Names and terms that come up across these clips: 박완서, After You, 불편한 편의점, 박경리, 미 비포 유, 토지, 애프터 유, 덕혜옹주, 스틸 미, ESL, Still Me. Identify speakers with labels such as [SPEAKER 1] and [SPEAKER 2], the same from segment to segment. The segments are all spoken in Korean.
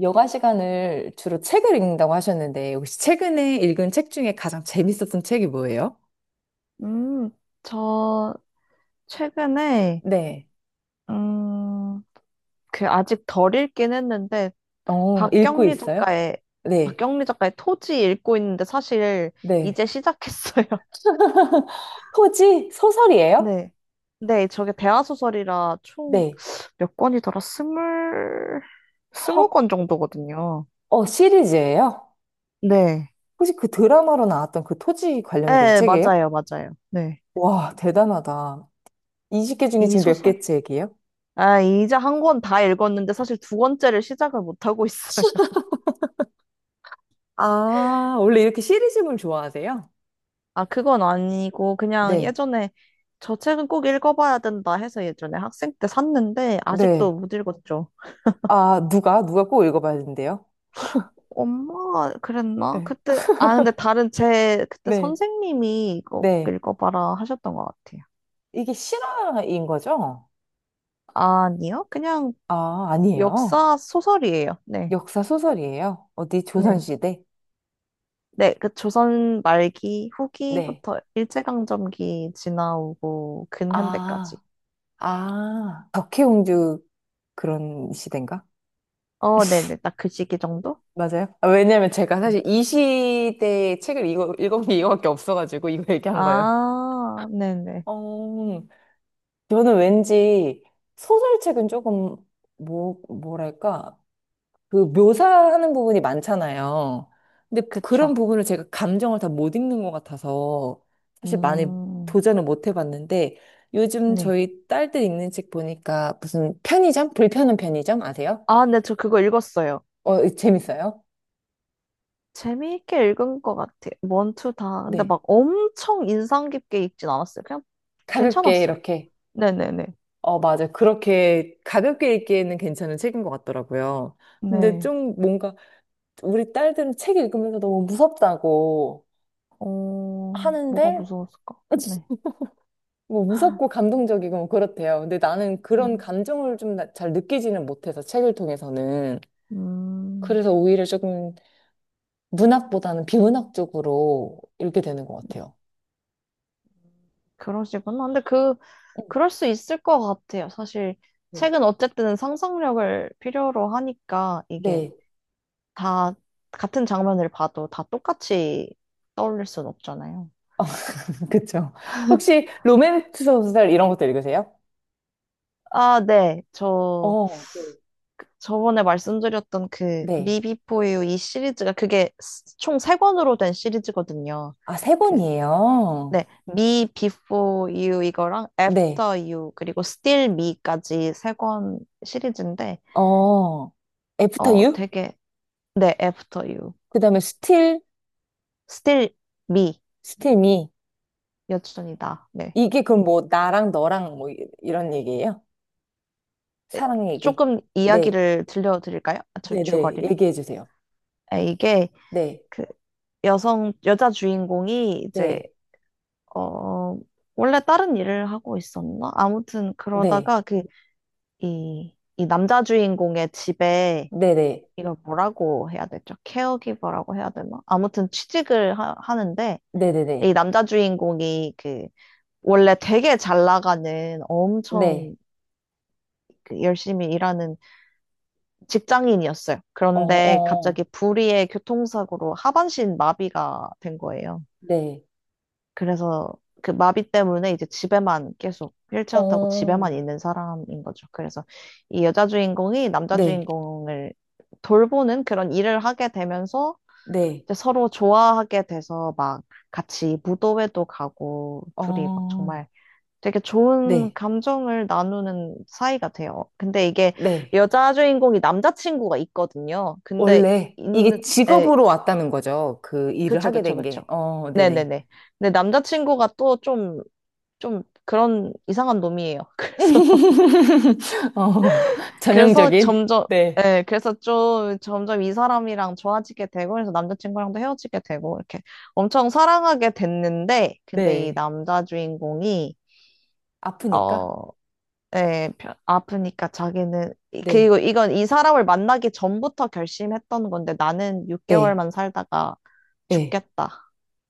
[SPEAKER 1] 여가 시간을 주로 책을 읽는다고 하셨는데, 혹시 최근에 읽은 책 중에 가장 재밌었던 책이 뭐예요?
[SPEAKER 2] 음, 저 최근에
[SPEAKER 1] 네.
[SPEAKER 2] 음, 그 아직 덜 읽긴 했는데
[SPEAKER 1] 어, 읽고
[SPEAKER 2] 박경리
[SPEAKER 1] 있어요?
[SPEAKER 2] 작가의
[SPEAKER 1] 네.
[SPEAKER 2] 박경리 작가의 토지 읽고 있는데 사실
[SPEAKER 1] 네.
[SPEAKER 2] 이제 시작했어요.
[SPEAKER 1] 토지 소설이에요?
[SPEAKER 2] 네. 네, 저게 대하소설이라 총
[SPEAKER 1] 네.
[SPEAKER 2] 몇 권이더라? 스물
[SPEAKER 1] 헉,
[SPEAKER 2] 스무 권 정도거든요.
[SPEAKER 1] 어, 시리즈예요?
[SPEAKER 2] 네.
[SPEAKER 1] 혹시 그 드라마로 나왔던 그 토지 관련된
[SPEAKER 2] 네,
[SPEAKER 1] 책이에요?
[SPEAKER 2] 맞아요, 맞아요. 네.
[SPEAKER 1] 와, 대단하다. 20개 중에
[SPEAKER 2] 이
[SPEAKER 1] 지금 몇
[SPEAKER 2] 소설이.
[SPEAKER 1] 개 책이에요?
[SPEAKER 2] 아, 이제 한 권 다 읽었는데 사실 두 권째를 시작을 못 하고 있어요.
[SPEAKER 1] 아, 원래 이렇게 시리즈물 좋아하세요?
[SPEAKER 2] 아, 그건 아니고, 그냥
[SPEAKER 1] 네.
[SPEAKER 2] 예전에 저 책은 꼭 읽어봐야 된다 해서 예전에 학생 때 샀는데, 아직도
[SPEAKER 1] 네.
[SPEAKER 2] 못 읽었죠.
[SPEAKER 1] 아, 누가? 누가 꼭 읽어봐야 된대요?
[SPEAKER 2] 엄마가 그랬나?
[SPEAKER 1] 네.
[SPEAKER 2] 그때, 아, 근데 다른 제, 그때
[SPEAKER 1] 네.
[SPEAKER 2] 선생님이 이거 꼭
[SPEAKER 1] 네.
[SPEAKER 2] 읽어봐라 하셨던 것 같아요.
[SPEAKER 1] 이게 실화인 거죠?
[SPEAKER 2] 아니요? 그냥
[SPEAKER 1] 아, 아니에요.
[SPEAKER 2] 역사 소설이에요. 네.
[SPEAKER 1] 역사 소설이에요. 어디
[SPEAKER 2] 네.
[SPEAKER 1] 조선시대?
[SPEAKER 2] 네, 그 조선 말기
[SPEAKER 1] 네.
[SPEAKER 2] 후기부터 일제강점기 지나오고 근현대까지.
[SPEAKER 1] 아, 아, 덕혜옹주 그런 시대인가?
[SPEAKER 2] 어, 네네. 딱 그 시기 정도?
[SPEAKER 1] 맞아요? 아, 왜냐면 제가
[SPEAKER 2] 네.
[SPEAKER 1] 사실 이 시대의 책을 읽은 게 이거밖에 없어가지고 이거 얘기한 거예요.
[SPEAKER 2] 아, 네네.
[SPEAKER 1] 어, 저는 왠지 소설책은 조금 뭐랄까, 그 묘사하는 부분이 많잖아요. 근데 그런
[SPEAKER 2] 그쵸.
[SPEAKER 1] 부분을 제가 감정을 다 못 읽는 것 같아서 사실 많이
[SPEAKER 2] 음,
[SPEAKER 1] 도전을 못 해봤는데 요즘
[SPEAKER 2] 네.
[SPEAKER 1] 저희 딸들 읽는 책 보니까 무슨 편의점? 불편한 편의점 아세요?
[SPEAKER 2] 아, 네, 저 그거 읽었어요.
[SPEAKER 1] 어, 재밌어요?
[SPEAKER 2] 재미있게 읽은 것 같아요. 원투 다. 근데
[SPEAKER 1] 네.
[SPEAKER 2] 막 엄청 인상 깊게 읽진 않았어요. 그냥
[SPEAKER 1] 가볍게
[SPEAKER 2] 괜찮았어요.
[SPEAKER 1] 이렇게.
[SPEAKER 2] 네네네.
[SPEAKER 1] 어, 맞아. 그렇게 가볍게 읽기에는 괜찮은 책인 것 같더라고요. 근데
[SPEAKER 2] 네.
[SPEAKER 1] 좀 뭔가 우리 딸들은 책 읽으면서 너무 무섭다고
[SPEAKER 2] 어, 뭐가
[SPEAKER 1] 하는데
[SPEAKER 2] 무서웠을까? 네.
[SPEAKER 1] 뭐 무섭고 감동적이고 뭐 그렇대요. 근데 나는 그런
[SPEAKER 2] 음,
[SPEAKER 1] 감정을 좀 잘 느끼지는 못해서 책을 통해서는.
[SPEAKER 2] 음,
[SPEAKER 1] 그래서 오히려 조금 문학보다는 비문학 쪽으로 읽게 되는 것
[SPEAKER 2] 네.
[SPEAKER 1] 같아요.
[SPEAKER 2] 그러시구나. 근데 그,
[SPEAKER 1] 어,
[SPEAKER 2] 그럴 수 있을 것 같아요. 사실,
[SPEAKER 1] 네.
[SPEAKER 2] 책은 어쨌든 상상력을 필요로 하니까 이게
[SPEAKER 1] 네.
[SPEAKER 2] 다 같은 장면을 봐도 다 똑같이 떠올릴 순 없잖아요.
[SPEAKER 1] 그쵸. 혹시 로맨스 소설 이런 것도 읽으세요?
[SPEAKER 2] 아, 네. 저
[SPEAKER 1] 어, 네.
[SPEAKER 2] 저번에 말씀드렸던 그
[SPEAKER 1] 네.
[SPEAKER 2] 미비포유 이 시리즈가 그게 총 세 권으로 된 시리즈거든요.
[SPEAKER 1] 아, 세
[SPEAKER 2] 그
[SPEAKER 1] 권이에요.
[SPEAKER 2] 네. 미 비포 유 이거랑
[SPEAKER 1] 네.
[SPEAKER 2] 애프터 유 그리고 스틸 미까지 세 권 시리즈인데
[SPEAKER 1] 어, 애프터
[SPEAKER 2] 어
[SPEAKER 1] 유?
[SPEAKER 2] 되게 네, 애프터 유.
[SPEAKER 1] 그 다음에 스틸,
[SPEAKER 2] 스틸 미
[SPEAKER 1] 스틸 미.
[SPEAKER 2] 여전이다. 네.
[SPEAKER 1] 이게 그럼 뭐 나랑 너랑 뭐 이런 얘기예요?
[SPEAKER 2] 네,
[SPEAKER 1] 사랑 얘기.
[SPEAKER 2] 조금
[SPEAKER 1] 네.
[SPEAKER 2] 이야기를 들려드릴까요? 아,
[SPEAKER 1] 네네,
[SPEAKER 2] 줄거리를?
[SPEAKER 1] 얘기해 주세요.
[SPEAKER 2] 아, 이게
[SPEAKER 1] 네,
[SPEAKER 2] 그 여성 여자 주인공이 이제
[SPEAKER 1] 네,
[SPEAKER 2] 어, 원래 다른 일을 하고 있었나? 아무튼
[SPEAKER 1] 네,
[SPEAKER 2] 그러다가 그, 이 남자 주인공의 집에
[SPEAKER 1] 네네,
[SPEAKER 2] 이걸 뭐라고 해야 되죠? 케어기버라고 해야 되나? 아무튼 취직을 하는데
[SPEAKER 1] 네네네,
[SPEAKER 2] 이 남자 주인공이 그 원래 되게 잘 나가는
[SPEAKER 1] 네,
[SPEAKER 2] 엄청 그 열심히 일하는 직장인이었어요.
[SPEAKER 1] 어,
[SPEAKER 2] 그런데
[SPEAKER 1] 어,
[SPEAKER 2] 갑자기 불의의 교통사고로 하반신 마비가 된 거예요.
[SPEAKER 1] 네,
[SPEAKER 2] 그래서 그 마비 때문에 이제 집에만 계속 휠체어 타고
[SPEAKER 1] 어,
[SPEAKER 2] 집에만 있는 사람인 거죠. 그래서 이 여자 주인공이 남자
[SPEAKER 1] 네,
[SPEAKER 2] 주인공을 돌보는 그런 일을 하게 되면서
[SPEAKER 1] 네,
[SPEAKER 2] 이제 서로 좋아하게 돼서 막 같이 무도회도 가고 둘이 막
[SPEAKER 1] 어,
[SPEAKER 2] 정말 되게 좋은
[SPEAKER 1] 네,
[SPEAKER 2] 감정을 나누는 사이가 돼요. 근데 이게
[SPEAKER 1] 네.
[SPEAKER 2] 여자 주인공이 남자친구가 있거든요. 근데
[SPEAKER 1] 원래 이게
[SPEAKER 2] 있는, 에,
[SPEAKER 1] 직업으로 왔다는 거죠. 그 일을
[SPEAKER 2] 그쵸,
[SPEAKER 1] 하게
[SPEAKER 2] 그쵸,
[SPEAKER 1] 된 게.
[SPEAKER 2] 그쵸.
[SPEAKER 1] 어, 네네.
[SPEAKER 2] 네네네. 근데 남자친구가 또좀 좀 그런 이상한 놈이에요. 그래서
[SPEAKER 1] 어,
[SPEAKER 2] 그래서
[SPEAKER 1] 전형적인?
[SPEAKER 2] 점점
[SPEAKER 1] 네,
[SPEAKER 2] 예, 그래서 좀 점점 이 사람이랑 좋아지게 되고 그래서 남자친구랑도 헤어지게 되고 이렇게 엄청 사랑하게 됐는데 근데 이
[SPEAKER 1] 네.
[SPEAKER 2] 남자 주인공이 어
[SPEAKER 1] 아프니까?
[SPEAKER 2] 예, 아프니까 자기는
[SPEAKER 1] 네,
[SPEAKER 2] 그리고 이건 이 사람을 만나기 전부터 결심했던 건데 나는
[SPEAKER 1] 네,
[SPEAKER 2] 6개월만 살다가
[SPEAKER 1] 네.
[SPEAKER 2] 죽겠다.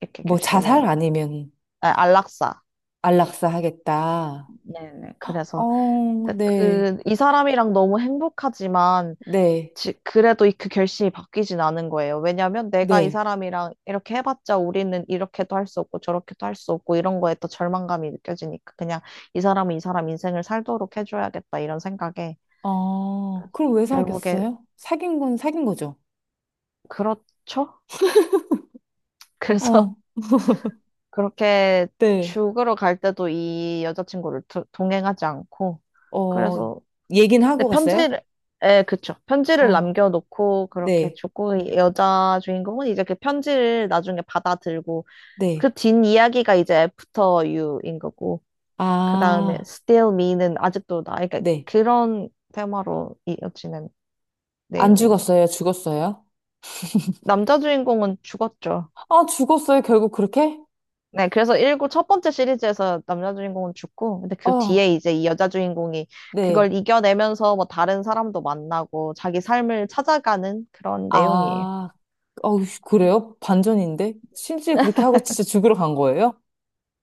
[SPEAKER 2] 이렇게
[SPEAKER 1] 뭐
[SPEAKER 2] 결심을
[SPEAKER 1] 자살 아니면
[SPEAKER 2] 아, 안락사.
[SPEAKER 1] 안락사 하겠다.
[SPEAKER 2] 네네. 그래서
[SPEAKER 1] 어, 네.
[SPEAKER 2] 그 이 사람이랑 너무 행복하지만
[SPEAKER 1] 네,
[SPEAKER 2] 그래도 그 결심이 바뀌진 않은 거예요. 왜냐면 내가 이
[SPEAKER 1] 네.
[SPEAKER 2] 사람이랑 이렇게 해봤자 우리는 이렇게도 할 수 없고 저렇게도 할 수 없고 이런 거에 또 절망감이 느껴지니까 그냥 이 사람은 이 사람 인생을 살도록 해줘야겠다 이런 생각에
[SPEAKER 1] 아, 그럼 왜
[SPEAKER 2] 결국에
[SPEAKER 1] 사귀었어요? 사귄 건 사귄 거죠?
[SPEAKER 2] 그렇죠? 그래서
[SPEAKER 1] 어,
[SPEAKER 2] 그렇게
[SPEAKER 1] 네.
[SPEAKER 2] 죽으러 갈 때도 이 여자친구를 동행하지 않고
[SPEAKER 1] 어,
[SPEAKER 2] 그래서
[SPEAKER 1] 얘긴 하고
[SPEAKER 2] 근데
[SPEAKER 1] 갔어요?
[SPEAKER 2] 편지를 예, 그쵸. 편지를
[SPEAKER 1] 어.
[SPEAKER 2] 남겨놓고 그렇게
[SPEAKER 1] 네,
[SPEAKER 2] 죽고 이 여자 주인공은 이제 그 편지를 나중에 받아들고
[SPEAKER 1] 네.
[SPEAKER 2] 그 뒷이야기가 이제 After You인 거고, 그 다음에
[SPEAKER 1] 아,
[SPEAKER 2] Still Me는 아직도 나, 그러니까
[SPEAKER 1] 네.
[SPEAKER 2] 그런 테마로 이어지는
[SPEAKER 1] 안
[SPEAKER 2] 내용이에요.
[SPEAKER 1] 죽었어요? 죽었어요?
[SPEAKER 2] 남자 주인공은 죽었죠.
[SPEAKER 1] 아, 죽었어요? 결국 그렇게?
[SPEAKER 2] 네, 그래서 일구 첫 번째 시리즈에서 남자 주인공은 죽고, 근데 그
[SPEAKER 1] 어,
[SPEAKER 2] 뒤에 이제 이 여자 주인공이
[SPEAKER 1] 네.
[SPEAKER 2] 그걸 이겨내면서 뭐 다른 사람도 만나고 자기 삶을 찾아가는 그런 내용이에요.
[SPEAKER 1] 아, 어, 그래요? 반전인데? 실제 그렇게 하고 진짜 죽으러 간 거예요?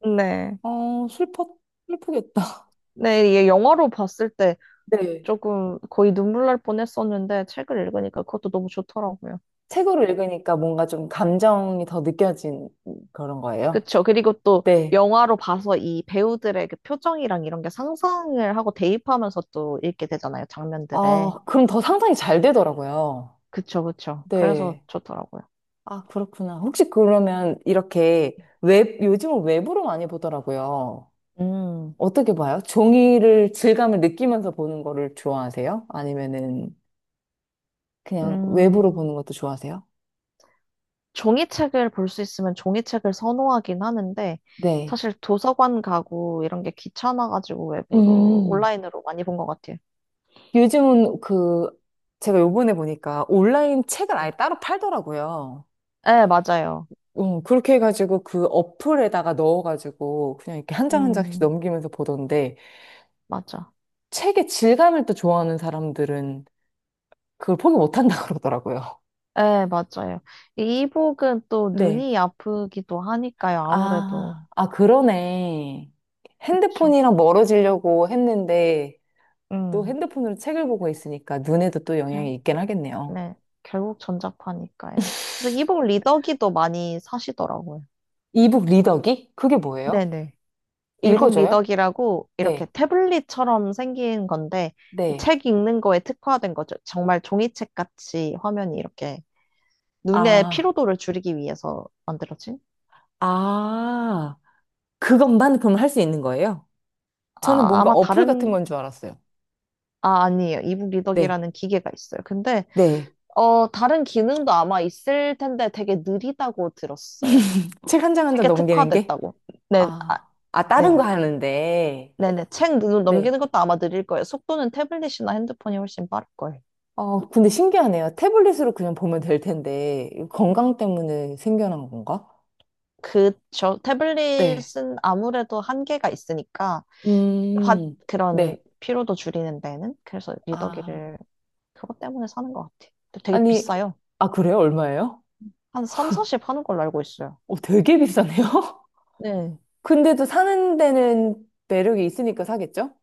[SPEAKER 2] 네.
[SPEAKER 1] 어, 슬퍼, 슬프겠다.
[SPEAKER 2] 네, 이게 영화로 봤을 때
[SPEAKER 1] 네.
[SPEAKER 2] 조금 거의 눈물 날 뻔했었는데 책을 읽으니까 그것도 너무 좋더라고요.
[SPEAKER 1] 책으로 읽으니까 뭔가 좀 감정이 더 느껴진 그런 거예요?
[SPEAKER 2] 그쵸. 그리고 또
[SPEAKER 1] 네.
[SPEAKER 2] 영화로 봐서 이 배우들의 그 표정이랑 이런 게 상상을 하고 대입하면서 또 읽게 되잖아요. 장면들에.
[SPEAKER 1] 아, 그럼 더 상상이 잘 되더라고요.
[SPEAKER 2] 그쵸, 그쵸. 그래서
[SPEAKER 1] 네.
[SPEAKER 2] 좋더라고요.
[SPEAKER 1] 아, 그렇구나. 혹시 그러면 이렇게 웹, 요즘은 웹으로 많이 보더라고요.
[SPEAKER 2] 음,
[SPEAKER 1] 어떻게 봐요? 종이를 질감을 느끼면서 보는 거를 좋아하세요? 아니면은 그냥 웹으로
[SPEAKER 2] 음,
[SPEAKER 1] 보는 것도 좋아하세요?
[SPEAKER 2] 종이책을 볼 수 있으면 종이책을 선호하긴 하는데,
[SPEAKER 1] 네.
[SPEAKER 2] 사실 도서관 가고 이런 게 귀찮아가지고 웹으로,
[SPEAKER 1] 음.
[SPEAKER 2] 온라인으로 많이 본 것 같아요.
[SPEAKER 1] 요즘은 그, 제가 요번에 보니까 온라인 책을
[SPEAKER 2] 음.
[SPEAKER 1] 아예 따로 팔더라고요.
[SPEAKER 2] 네, 맞아요.
[SPEAKER 1] 그렇게 해가지고 그 어플에다가 넣어가지고 그냥 이렇게 한 장 한 장씩
[SPEAKER 2] 음,
[SPEAKER 1] 넘기면서 보던데
[SPEAKER 2] 맞아.
[SPEAKER 1] 책의 질감을 또 좋아하는 사람들은 그걸 포기 못한다 그러더라고요.
[SPEAKER 2] 네, 맞아요. 이 이북은 또
[SPEAKER 1] 네.
[SPEAKER 2] 눈이 아프기도 하니까요, 아무래도.
[SPEAKER 1] 아, 아, 그러네.
[SPEAKER 2] 그쵸.
[SPEAKER 1] 핸드폰이랑 멀어지려고 했는데 또
[SPEAKER 2] 음,
[SPEAKER 1] 핸드폰으로 책을 보고 있으니까 눈에도 또
[SPEAKER 2] 결,
[SPEAKER 1] 영향이 있긴 하겠네요.
[SPEAKER 2] 네, 결국 전자파니까요. 그래서 이북 리더기도 많이 사시더라고요.
[SPEAKER 1] 이북 리더기? 그게 뭐예요?
[SPEAKER 2] 네네. 이북
[SPEAKER 1] 읽어줘요?
[SPEAKER 2] 리더기라고 이렇게
[SPEAKER 1] 네,
[SPEAKER 2] 태블릿처럼 생긴 건데
[SPEAKER 1] 네.
[SPEAKER 2] 책 읽는 거에 특화된 거죠. 정말 종이책 같이 화면이 이렇게 눈의
[SPEAKER 1] 아,
[SPEAKER 2] 피로도를 줄이기 위해서 만들어진?
[SPEAKER 1] 아, 그것만 그럼 할 수 있는 거예요? 저는
[SPEAKER 2] 아,
[SPEAKER 1] 뭔가
[SPEAKER 2] 아마
[SPEAKER 1] 어플 같은
[SPEAKER 2] 다른
[SPEAKER 1] 건 줄 알았어요.
[SPEAKER 2] 아, 아니에요. 이북
[SPEAKER 1] 네,
[SPEAKER 2] 리더기라는 기계가 있어요. 근데
[SPEAKER 1] 네.
[SPEAKER 2] 어, 다른 기능도 아마 있을 텐데 되게 느리다고 들었어요.
[SPEAKER 1] 책 한 장 한 장
[SPEAKER 2] 책에
[SPEAKER 1] 넘기는 게?
[SPEAKER 2] 특화됐다고. 네, 아,
[SPEAKER 1] 아, 아, 다른 거
[SPEAKER 2] 네.
[SPEAKER 1] 하는데.
[SPEAKER 2] 네네. 책
[SPEAKER 1] 네.
[SPEAKER 2] 넘기는 것도 아마 느릴 거예요. 속도는 태블릿이나 핸드폰이 훨씬 빠를 거예요.
[SPEAKER 1] 어, 근데 신기하네요. 태블릿으로 그냥 보면 될 텐데, 이거 건강 때문에 생겨난 건가?
[SPEAKER 2] 그저
[SPEAKER 1] 네.
[SPEAKER 2] 태블릿은 아무래도 한계가 있으니까, 화-
[SPEAKER 1] 음,
[SPEAKER 2] 그런
[SPEAKER 1] 네.
[SPEAKER 2] 피로도 줄이는 데는. 그래서
[SPEAKER 1] 아,
[SPEAKER 2] 리더기를 그것 때문에 사는 것 같아요. 근데 되게
[SPEAKER 1] 아니,
[SPEAKER 2] 비싸요.
[SPEAKER 1] 아, 그래요? 얼마예요?
[SPEAKER 2] 한 3, 40 하는 걸로 알고 있어요.
[SPEAKER 1] 어, 되게 비싸네요?
[SPEAKER 2] 네.
[SPEAKER 1] 근데도 사는 데는 매력이 있으니까 사겠죠?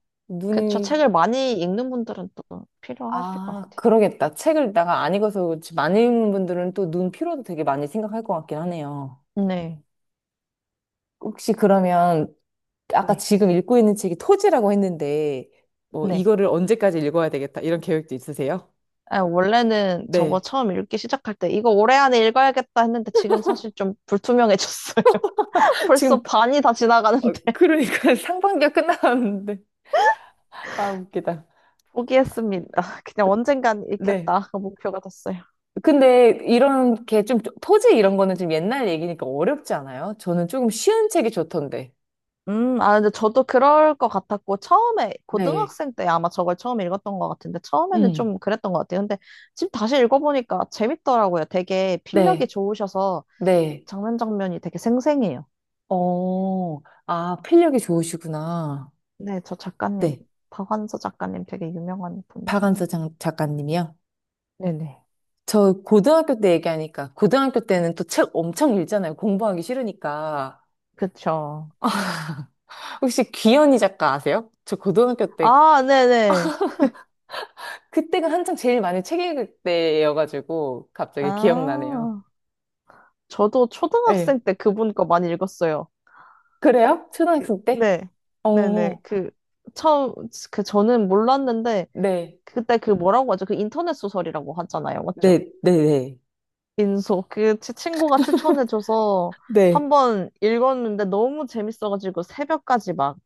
[SPEAKER 2] 그쵸.
[SPEAKER 1] 눈이,
[SPEAKER 2] 책을 많이 읽는 분들은 또 필요하실 것
[SPEAKER 1] 아,
[SPEAKER 2] 같아요.
[SPEAKER 1] 그러겠다. 책을 내가 안 읽어서 그렇지. 많은 분들은 또 눈 피로도 되게 많이 생각할 것 같긴 하네요.
[SPEAKER 2] 네.
[SPEAKER 1] 혹시 그러면 아까
[SPEAKER 2] 네.
[SPEAKER 1] 지금 읽고 있는 책이 토지라고 했는데, 뭐,
[SPEAKER 2] 네.
[SPEAKER 1] 이거를 언제까지 읽어야 되겠다, 이런 계획도 있으세요?
[SPEAKER 2] 아, 원래는 저거
[SPEAKER 1] 네.
[SPEAKER 2] 처음 읽기 시작할 때, 이거 올해 안에 읽어야겠다 했는데 지금 사실 좀 불투명해졌어요.
[SPEAKER 1] 지금,
[SPEAKER 2] 벌써 반이 다 지나가는데
[SPEAKER 1] 어, 그러니까 상반기가 끝나가는데. 아, 웃기다.
[SPEAKER 2] 포기했습니다. 그냥 언젠간
[SPEAKER 1] 네.
[SPEAKER 2] 읽겠다. 그 목표가 됐어요.
[SPEAKER 1] 근데 이런 게 좀, 토지 이런 거는 좀 옛날 얘기니까 어렵지 않아요? 저는 조금 쉬운 책이 좋던데.
[SPEAKER 2] 아, 근데 저도 그럴 것 같았고, 처음에,
[SPEAKER 1] 네.
[SPEAKER 2] 고등학생 때 아마 저걸 처음 읽었던 것 같은데, 처음에는
[SPEAKER 1] 음.
[SPEAKER 2] 좀 그랬던 것 같아요. 근데 지금 다시 읽어보니까 재밌더라고요. 되게 필력이
[SPEAKER 1] 네.
[SPEAKER 2] 좋으셔서
[SPEAKER 1] 네.
[SPEAKER 2] 장면 장면이 되게 생생해요.
[SPEAKER 1] 어, 아, 필력이 좋으시구나.
[SPEAKER 2] 네, 저 작가님,
[SPEAKER 1] 네.
[SPEAKER 2] 박완서 작가님 되게 유명한 분이잖아요.
[SPEAKER 1] 박완서 작가님이요?
[SPEAKER 2] 네네.
[SPEAKER 1] 저 고등학교 때 얘기하니까 고등학교 때는 또 책 엄청 읽잖아요. 공부하기 싫으니까.
[SPEAKER 2] 그쵸.
[SPEAKER 1] 혹시 귀현이 작가 아세요? 저 고등학교 때
[SPEAKER 2] 아, 네네.
[SPEAKER 1] 그때가 한창 제일 많이 책 읽을 때여가지고 갑자기 기억나네요.
[SPEAKER 2] 아, 저도
[SPEAKER 1] 네.
[SPEAKER 2] 초등학생 때 그분 거 많이 읽었어요.
[SPEAKER 1] 그래요?
[SPEAKER 2] 그,
[SPEAKER 1] 초등학생 때?
[SPEAKER 2] 네, 네네.
[SPEAKER 1] 어,
[SPEAKER 2] 그, 처음, 그, 저는 몰랐는데,
[SPEAKER 1] 네.
[SPEAKER 2] 그때 그 뭐라고 하죠? 그 인터넷 소설이라고 하잖아요. 맞죠?
[SPEAKER 1] 네, 네, 네.
[SPEAKER 2] 민소. 그, 제 친구가 추천해줘서
[SPEAKER 1] 네.
[SPEAKER 2] 한번 읽었는데 너무 재밌어가지고 새벽까지 막,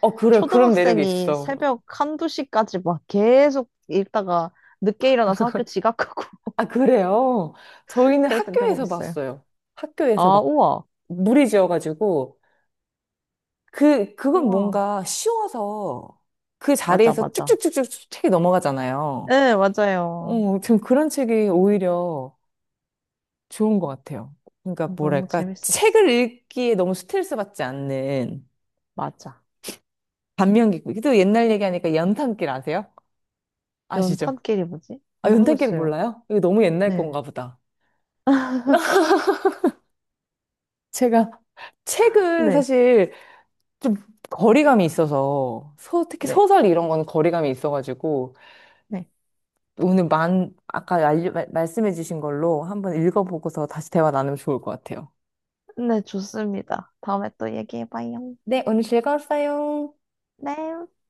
[SPEAKER 1] 어, 그래요. 그런 매력이
[SPEAKER 2] 초등학생이
[SPEAKER 1] 있어.
[SPEAKER 2] 새벽 한두 시까지 막 계속 읽다가 늦게 일어나서 학교 지각하고
[SPEAKER 1] 아, 그래요? 저희는
[SPEAKER 2] 그랬던 경험
[SPEAKER 1] 학교에서
[SPEAKER 2] 있어요.
[SPEAKER 1] 봤어요. 학교에서
[SPEAKER 2] 아,
[SPEAKER 1] 막
[SPEAKER 2] 우와.
[SPEAKER 1] 무리 지어가지고 그, 그건
[SPEAKER 2] 우와.
[SPEAKER 1] 뭔가 쉬워서 그
[SPEAKER 2] 맞아,
[SPEAKER 1] 자리에서
[SPEAKER 2] 맞아.
[SPEAKER 1] 쭉쭉쭉쭉 책이 넘어가잖아요.
[SPEAKER 2] 네, 맞아요.
[SPEAKER 1] 어, 전 그런 책이 오히려 좋은 것 같아요. 그러니까
[SPEAKER 2] 너무
[SPEAKER 1] 뭐랄까,
[SPEAKER 2] 재밌었어.
[SPEAKER 1] 책을 읽기에 너무 스트레스 받지 않는
[SPEAKER 2] 맞아.
[SPEAKER 1] 반면기고, 또 옛날 얘기하니까 연탄길 아세요? 아시죠?
[SPEAKER 2] 연탄끼리 뭐지?
[SPEAKER 1] 아, 연탄길
[SPEAKER 2] 모르겠어요.
[SPEAKER 1] 몰라요? 이거 너무 옛날
[SPEAKER 2] 네.
[SPEAKER 1] 건가 보다. 제가 책은
[SPEAKER 2] 네.
[SPEAKER 1] 사실 좀 거리감이 있어서, 소, 특히
[SPEAKER 2] 네.
[SPEAKER 1] 소설 이런 건 거리감이 있어가지고,
[SPEAKER 2] 네.
[SPEAKER 1] 오늘 만, 아까 알려, 말씀해주신 걸로 한번 읽어보고서 다시 대화 나누면 좋을 것 같아요.
[SPEAKER 2] 네, 좋습니다. 다음에 또 얘기해봐요.
[SPEAKER 1] 네, 오늘 즐거웠어요.
[SPEAKER 2] 네.